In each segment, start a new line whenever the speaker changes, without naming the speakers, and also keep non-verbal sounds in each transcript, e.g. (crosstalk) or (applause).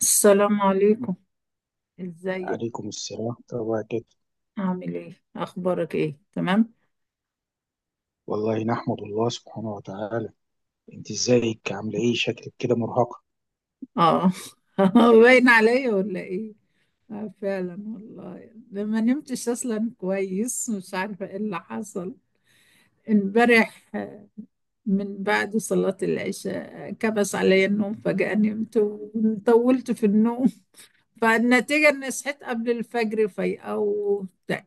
السلام عليكم. ازيك؟
عليكم السلام، طبعا كده.
عامل ايه؟ اخبارك ايه؟ تمام.
والله نحمد الله سبحانه وتعالى. انت ازيك؟ عامله ايه؟ شكلك كده مرهقه.
اه. (laughs) باين عليا ولا ايه؟ آه، فعلا والله، ده ما نمتش اصلا كويس، مش عارفه ايه اللي حصل امبارح. من بعد صلاة العشاء، كبس عليا النوم فجأة، نمت وطولت في النوم. فالنتيجة اني صحيت قبل الفجر فايقة وبتاع.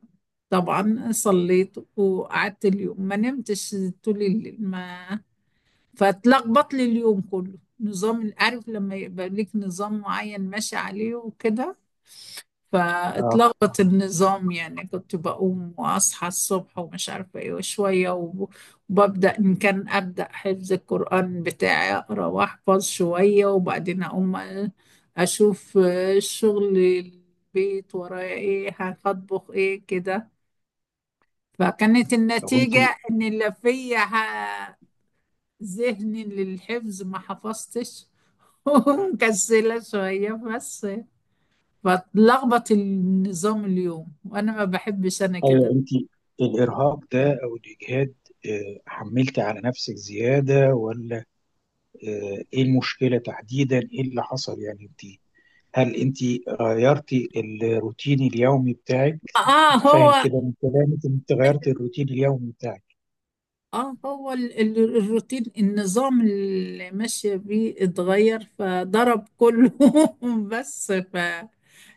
طبعا صليت وقعدت اليوم ما نمتش طول الليل ما فتلخبط لي اليوم كله نظام. عارف لما يبقى ليك نظام معين ماشي عليه وكده،
اه.
فاتلخبط النظام. يعني كنت بقوم واصحى الصبح ومش عارفه ايه وشويه وببدا ان كان ابدا حفظ القران بتاعي، اقرا واحفظ شويه وبعدين اقوم أ- اشوف شغل البيت ورايا ايه، هطبخ ايه كده. فكانت
طب انت
النتيجه ان اللي فيا ذهني للحفظ ما حفظتش. (laughs) مكسلة شوية بس، بتلخبط النظام اليوم، وأنا ما بحبش أنا
ايوه
كده.
انت الارهاق ده او الاجهاد. حملت على نفسك زياده، ولا ايه المشكله تحديدا؟ ايه اللي حصل؟ يعني انت، هل انت غيرتي الروتين اليومي بتاعك؟
آه،
فاهم
هو
كده من كلامك انت غيرت الروتين اليومي بتاعك.
آه، هو الروتين، النظام اللي ماشية بيه اتغير فضرب كله. (laughs) بس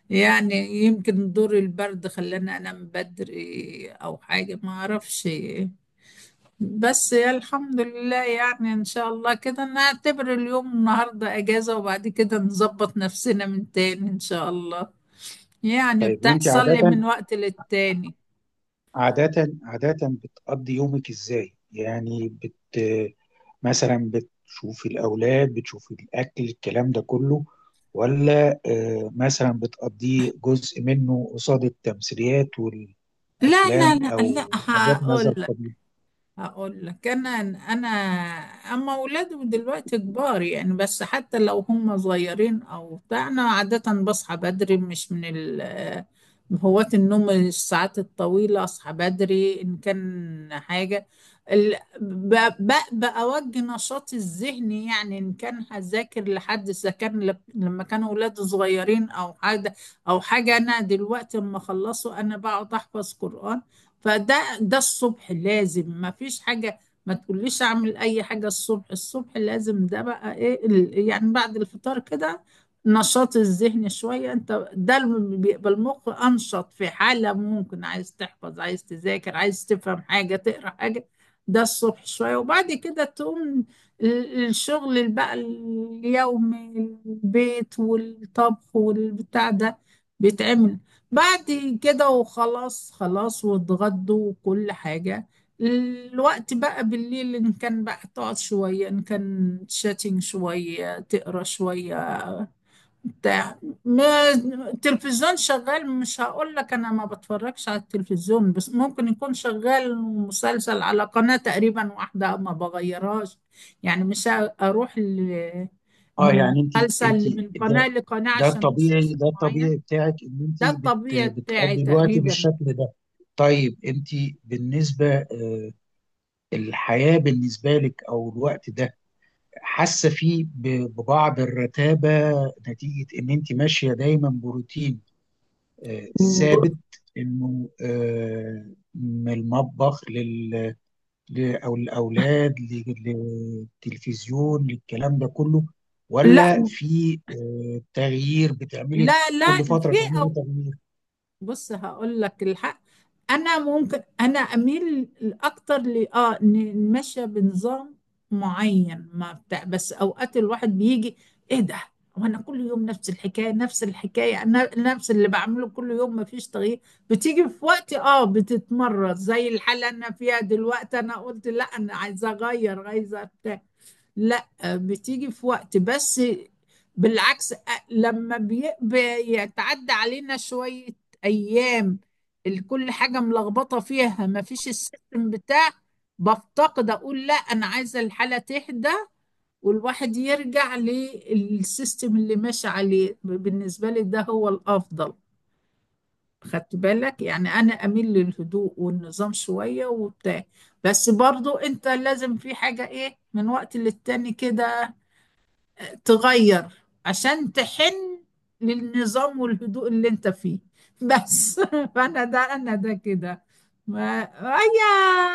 يعني، يمكن دور البرد خلاني أنام بدري أو حاجة، ما أعرفش. بس يا الحمد لله، يعني ان شاء الله كده نعتبر اليوم النهارده اجازة، وبعد كده نظبط نفسنا من تاني ان شاء الله. يعني
طيب وانت
بتحصل
عاده
لي من وقت للتاني.
عادة عادة بتقضي يومك ازاي؟ يعني بت مثلا بتشوفي الأولاد، بتشوفي الأكل، الكلام ده كله، ولا مثلا بتقضيه جزء منه قصاد التمثيليات
لا لا
والأفلام
لا
أو
لا،
حاجات من هذا
هقول.
القبيل؟
هقول لك انا اما اولادهم دلوقتي كبار يعني، بس حتى لو هم صغيرين او بتاع، انا عاده بصحى بدري، مش من ال هواة النوم الساعات الطويله. اصحى بدري ان كان حاجه ال- ب- ب- بأوجه نشاطي الذهني. يعني إن كان هذاكر لحد إذا كان لما كانوا أولادي صغيرين أو حاجة. أو حاجة، أنا دلوقتي لما أخلصه أنا بقعد أحفظ قرآن. فده ده الصبح لازم، ما فيش حاجة ما تقوليش اعمل اي حاجة. الصبح الصبح لازم ده بقى ايه يعني بعد الفطار كده نشاط الذهن شوية. انت ده اللي بيبقى المخ انشط في حالة ممكن عايز تحفظ، عايز تذاكر، عايز تفهم حاجة، تقرا حاجة. ده الصبح شوية، وبعد كده تقوم الشغل اللي بقى اليومي، البيت والطبخ والبتاع ده، بيتعمل بعد كده. وخلاص خلاص واتغدوا وكل حاجة. الوقت بقى بالليل إن كان بقى تقعد شوية، إن كان شاتين شوية، تقرا شوية بتاع. ما التلفزيون شغال، مش هقول لك أنا ما بتفرجش على التلفزيون، بس ممكن يكون شغال مسلسل على قناة تقريبا واحدة ما بغيرهاش. يعني مش أروح ل-
اه.
من
يعني انت،
مسلسل من قناة
ده
لقناة
ده
عشان
الطبيعي،
مسلسل
ده
معين.
الطبيعي بتاعك ان انت
ده الطبيعي بتاعي
بتقضي الوقت
تقريبا.
بالشكل ده. طيب انت بالنسبة الحياة بالنسبة لك أو الوقت ده، حاسه فيه ببعض الرتابه، نتيجه ان انت ماشيه دايما بروتين آه، ثابت، انه آه، من المطبخ او الاولاد، للتلفزيون، للكلام ده كله،
لا
ولا في تغيير بتعملي؟
لا لا،
كل
في.
فتره تعملي
أو
تغيير؟
بص هقول لك الحق، انا ممكن انا اميل اكتر ل اه نمشي بنظام معين ما بتاع، بس اوقات الواحد بيجي، ايه ده، وانا كل يوم نفس الحكايه نفس الحكايه، انا نفس اللي بعمله كل يوم، ما فيش تغيير. بتيجي في وقت اه بتتمرد زي الحاله اللي انا فيها دلوقتي، انا قلت لا انا عايزه اغير، عايزه بتاع. لا بتيجي في وقت بس، بالعكس لما بيتعدى علينا شوية أيام كل حاجة ملخبطة فيها، ما فيش السيستم بتاع، بفتقد أقول لا أنا عايزة الحالة تهدى، والواحد يرجع للسيستم اللي ماشي عليه. بالنسبة لي ده هو الأفضل. خدت بالك؟ يعني أنا أميل للهدوء والنظام شوية وبتاع، بس برضو أنت لازم في حاجة إيه من وقت للتاني كده تغير، عشان تحن للنظام والهدوء اللي انت فيه. بس (laughs) فانا ده، انا ده كده. ما هي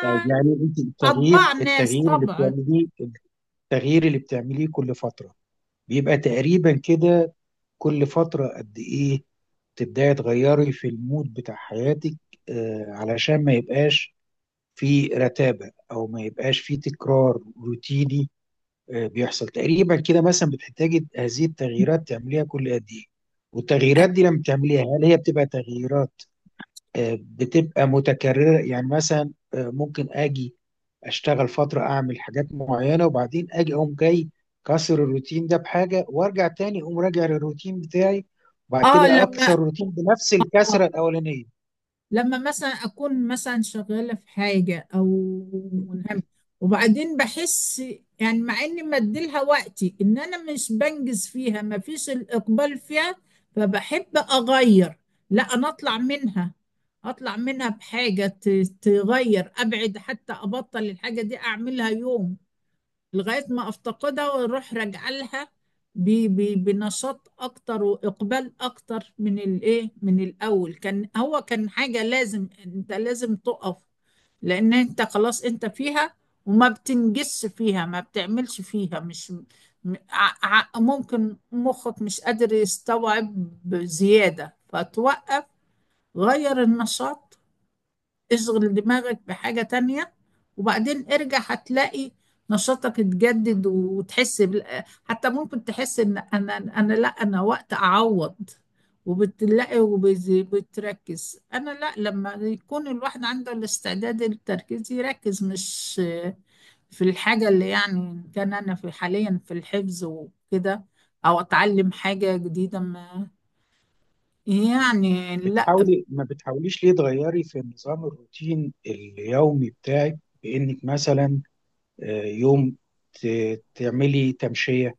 طيب يعني انت التغيير
اطباع ناس
التغيير اللي
طبعا.
بتعمليه، التغيير اللي بتعمليه كل فتره بيبقى تقريبا كده؟ كل فتره قد ايه تبداي تغيري في المود بتاع حياتك علشان ما يبقاش في رتابة أو ما يبقاش في تكرار روتيني؟ بيحصل تقريبا كده؟ مثلا بتحتاجي هذه التغييرات تعمليها كل قد إيه؟ والتغييرات دي لما تعمليها هل هي بتبقى تغييرات بتبقى متكررة؟ يعني مثلا ممكن أجي اشتغل فتره، اعمل حاجات معينه، وبعدين اجي اقوم جاي كسر الروتين ده بحاجه، وارجع تاني اقوم راجع للروتين بتاعي، وبعد
اه
كده اكسر
لما،
الروتين بنفس الكسره الاولانيه.
لما مثلا اكون مثلا شغاله في حاجه او ملهمه، وبعدين بحس يعني مع اني مديلها وقتي ان انا مش بنجز فيها، ما فيش الاقبال فيها، فبحب اغير. لا انا اطلع منها، اطلع منها بحاجه تغير، ابعد حتى ابطل الحاجه دي اعملها يوم، لغاية ما أفتقدها وأروح راجعة لها بنشاط أكتر وإقبال أكتر من الإيه، من الأول كان، هو كان حاجة لازم، أنت لازم تقف، لأن أنت خلاص أنت فيها وما بتنجزش فيها، ما بتعملش فيها، مش م- ع- ع- ممكن مخك مش قادر يستوعب زيادة فتوقف، غير النشاط، اشغل دماغك بحاجة تانية، وبعدين ارجع هتلاقي نشاطك اتجدد، وتحس حتى ممكن تحس ان انا، انا لا، انا وقت اعوض، وبتلاقي وبتركز. انا لا، لما يكون الواحد عنده الاستعداد للتركيز يركز، مش في الحاجة اللي، يعني إن كان انا في حاليا في الحفظ وكده، او اتعلم حاجة جديدة ما، يعني لا.
بتحاولي، ما بتحاوليش ليه تغيري في نظام الروتين اليومي بتاعك، بانك مثلا يوم تعملي تمشيه،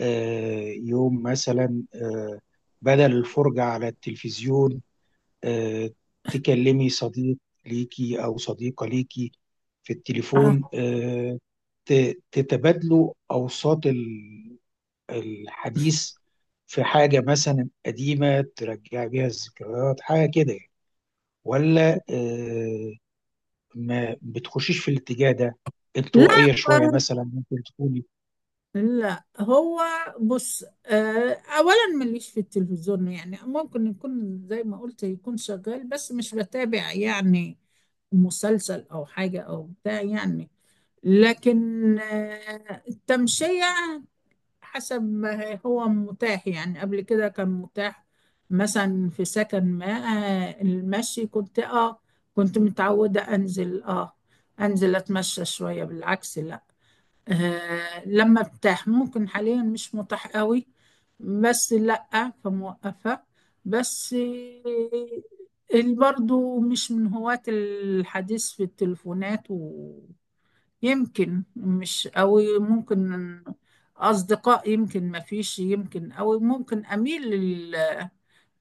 يوم مثلا بدل الفرجه على التلفزيون، آه، تكلمي صديق ليكي أو صديقة ليكي في التليفون، تتبادلوا أوساط الحديث في حاجة مثلا قديمة ترجع بيها الذكريات، حاجة كده يعني. ولا ما بتخشيش في الاتجاه ده؟ انطوائية
لا
شوية مثلا ممكن تكوني؟
لا، هو بص، اولا مليش في التلفزيون، يعني ممكن يكون زي ما قلت، يكون شغال بس مش بتابع يعني مسلسل او حاجة او بتاع يعني. لكن التمشية حسب ما هو متاح. يعني قبل كده كان متاح، مثلا في سكن ما، المشي كنت اه، كنت متعودة انزل اه، انزل اتمشى شوية بالعكس. آه لما بتاح، ممكن حاليا مش متاح قوي، بس لأ فموقفة. بس اللي برضو مش من هواة الحديث في التليفونات، ويمكن مش قوي، ممكن أصدقاء يمكن ما فيش، يمكن أو ممكن أميل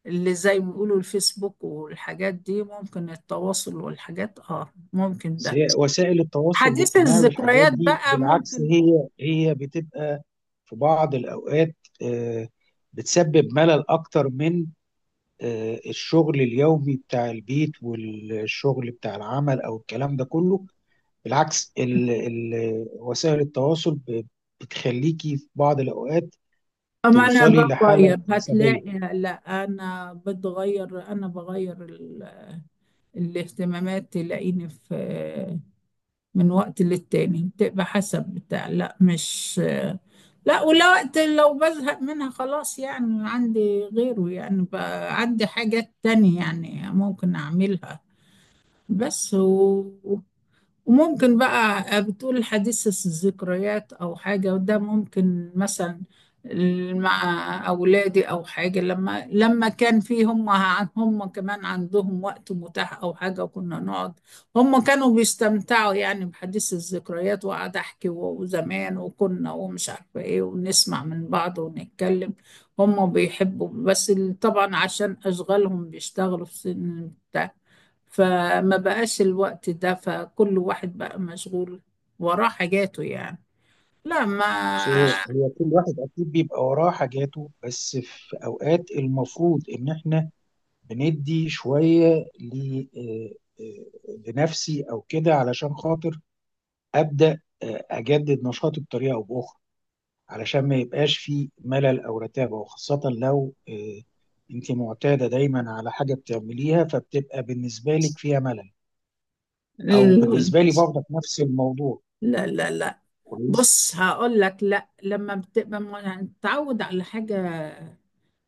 اللي زي ما بيقولوا الفيسبوك والحاجات دي، ممكن التواصل والحاجات آه، ممكن ده.
وسائل التواصل
حديث
الاجتماعي والحاجات
الذكريات
دي
بقى
بالعكس،
ممكن.
هي بتبقى في بعض الأوقات آه، بتسبب ملل أكتر من الشغل اليومي بتاع البيت والشغل بتاع العمل أو الكلام ده كله. بالعكس، ال وسائل التواصل بتخليكي في بعض الأوقات
أما أنا
توصلي لحالة
بغير،
عصبية.
هتلاقي لا أنا بتغير، أنا بغير الاهتمامات. تلاقيني في من وقت للتاني بتبقى حسب بتاع، لا مش لا، ولا وقت، لو بزهق منها خلاص يعني عندي غيره، يعني بقى عندي حاجات تانية يعني ممكن أعملها. بس وممكن بقى، بتقول حديث الذكريات او حاجه، وده ممكن مثلا مع اولادي او حاجه، لما لما كان في هم هم كمان عندهم وقت متاح او حاجه، وكنا نقعد، هم كانوا بيستمتعوا يعني بحديث الذكريات. وقعد احكي وزمان وكنا ومش عارفه ايه، ونسمع من بعض ونتكلم. هم بيحبوا، بس طبعا عشان اشغالهم بيشتغلوا في سن بتاع، فما بقاش الوقت ده، فكل واحد بقى مشغول وراه حاجاته يعني. لا ما
بس هي كل واحد أكيد بيبقى وراه حاجاته، بس في أوقات المفروض إن إحنا بندي شويه لنفسي او كده، علشان خاطر ابدا اجدد نشاطي بطريقه او باخرى، علشان ما يبقاش في ملل او رتابه، وخاصه لو انت معتاده دايما على حاجه بتعمليها فبتبقى بالنسبه لك فيها ملل، او
ال-
بالنسبه لي برضك نفس الموضوع.
لا لا لا،
كويس.
بص هقول لك، لا لما بتبقى متعود على حاجة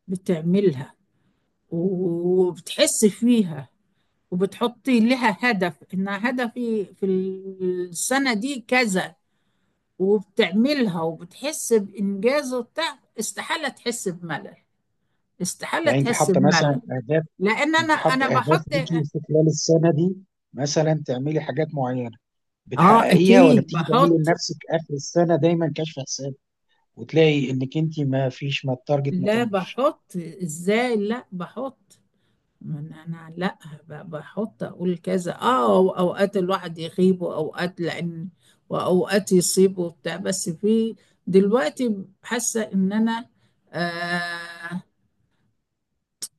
بتعملها وبتحس فيها وبتحطي لها هدف انها هدفي في السنة دي كذا، وبتعملها وبتحس بإنجاز وبتاع، استحالة تحس بملل، استحالة
يعني انت
تحس
حاطه
بملل،
مثلا اهداف؟
لان
انت
انا
حاطه اهداف
بحط.
ليكي في خلال السنه دي، مثلا تعملي حاجات معينه
اه
بتحققيها، ولا
اكيد
بتيجي تعملي
بحط.
لنفسك اخر السنه دايما كشف حساب وتلاقي انك انت ما فيش، ما التارجت ما
لا
تمش؟
بحط، ازاي؟ لا بحط، ما انا أنا لا بحط اقول كذا اه، أو اوقات الواحد يغيب واوقات لان، واوقات يصيب وبتاع، بس في دلوقتي حاسه ان انا، آه،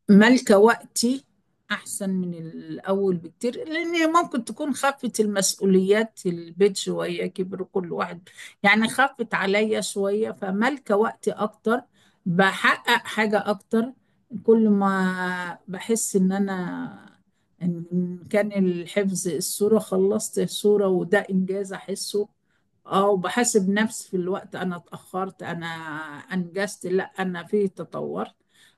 ملكة وقتي أحسن من الأول بكتير، لأن ممكن تكون خفت المسؤوليات، البيت شوية كبر كل واحد يعني، خفت عليا شوية، فملكة وقتي أكتر، بحقق حاجة أكتر. كل ما بحس إن أنا، إن كان الحفظ، الصورة خلصت، الصورة وده إنجاز أحسه اه، وبحاسب نفسي في الوقت، أنا اتأخرت، أنا أنجزت، لأ أنا فيه تطورت.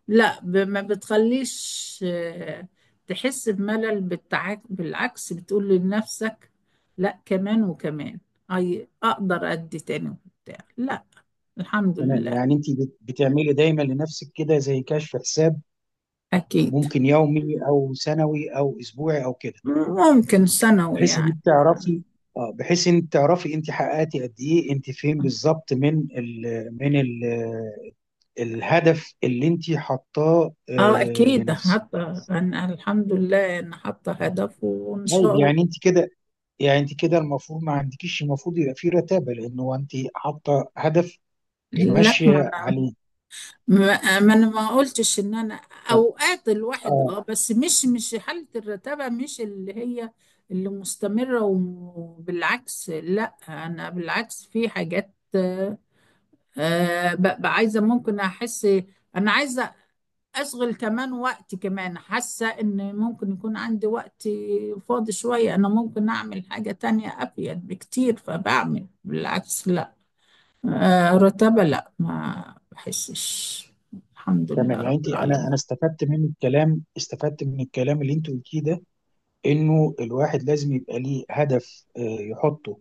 لا ما بتخليش تحس بملل. بالعكس، بتقول لنفسك لا كمان وكمان، أي أقدر أدي تاني وبتاع، لا. الحمد
تمام.
لله.
يعني انت بتعملي دايما لنفسك كده زي كشف حساب،
أكيد.
ممكن يومي او سنوي او اسبوعي او كده،
ممكن ثانوي
بحيث ان
يعني،
انت
ثانوي.
تعرفي. اه، بحيث ان تعرفي انت حققتي قد ايه، انت فين بالظبط من ال من ال الهدف اللي انت حاطاه
اه اكيد،
لنفسك.
حتى انا الحمد لله انا حاطه هدف وان
طيب
شاء الله.
يعني انت كده المفروض ما عندكيش، المفروض يبقى في رتابه لان هو انت حاطه هدف
لا ما،
وماشيه عليه.
ما ما انا ما قلتش ان انا،
طب
اوقات الواحد
اه.
اه، بس مش مش حالة الرتابة، مش اللي هي اللي مستمرة، وبالعكس لا انا بالعكس، في حاجات آه، ببقى عايزة، ممكن احس انا عايزة اشغل كمان وقت، كمان حاسة ان ممكن يكون عندي وقت فاضي شوية، انا ممكن اعمل حاجة تانية افيد بكتير، فبعمل. بالعكس لا، رتبة لا، ما بحسش. الحمد لله
تمام. يعني
رب
انا
العالمين.
انا استفدت من الكلام، استفدت من الكلام اللي انت قلتيه ده، انه الواحد لازم يبقى ليه هدف يحطه،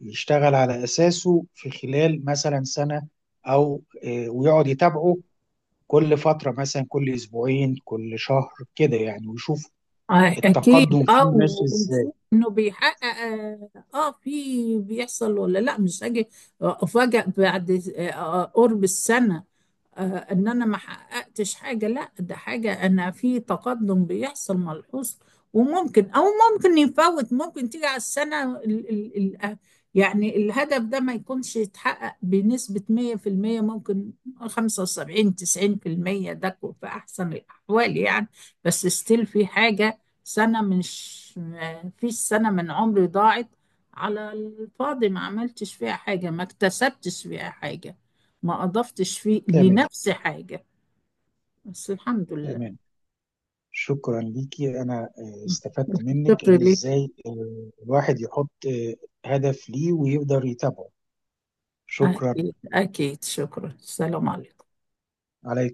يشتغل على اساسه في خلال مثلا سنه او ويقعد يتابعه كل فتره، مثلا كل اسبوعين كل شهر كده يعني، ويشوف
أكيد
التقدم فيه
أه،
ماشي ازاي.
ونشوف إنه بيحقق أه، في بيحصل ولا لا، مش هاجي أفاجأ بعد، قرب السنة آه، ان انا ما حققتش حاجه. لا ده حاجه انا في تقدم بيحصل ملحوظ. وممكن او ممكن يفوت، ممكن تيجي على السنه ال ال ال آه، يعني الهدف ده ما يكونش يتحقق بنسبه 100%. ممكن 75 90%، في احسن الاحوال يعني. بس ستيل في حاجه. سنه مش، ما فيش سنه من عمري ضاعت على الفاضي، ما عملتش فيها حاجه، ما اكتسبتش فيها حاجه، ما أضفتش فيه
تمام،
لنفسي حاجة. بس الحمد لله.
تمام. شكرا ليكي. انا استفدت منك
الشكر
ان
ليه.
ازاي الواحد يحط هدف ليه ويقدر يتابعه. شكرا.
أكيد أكيد، شكرا. السلام عليكم.
عليكم.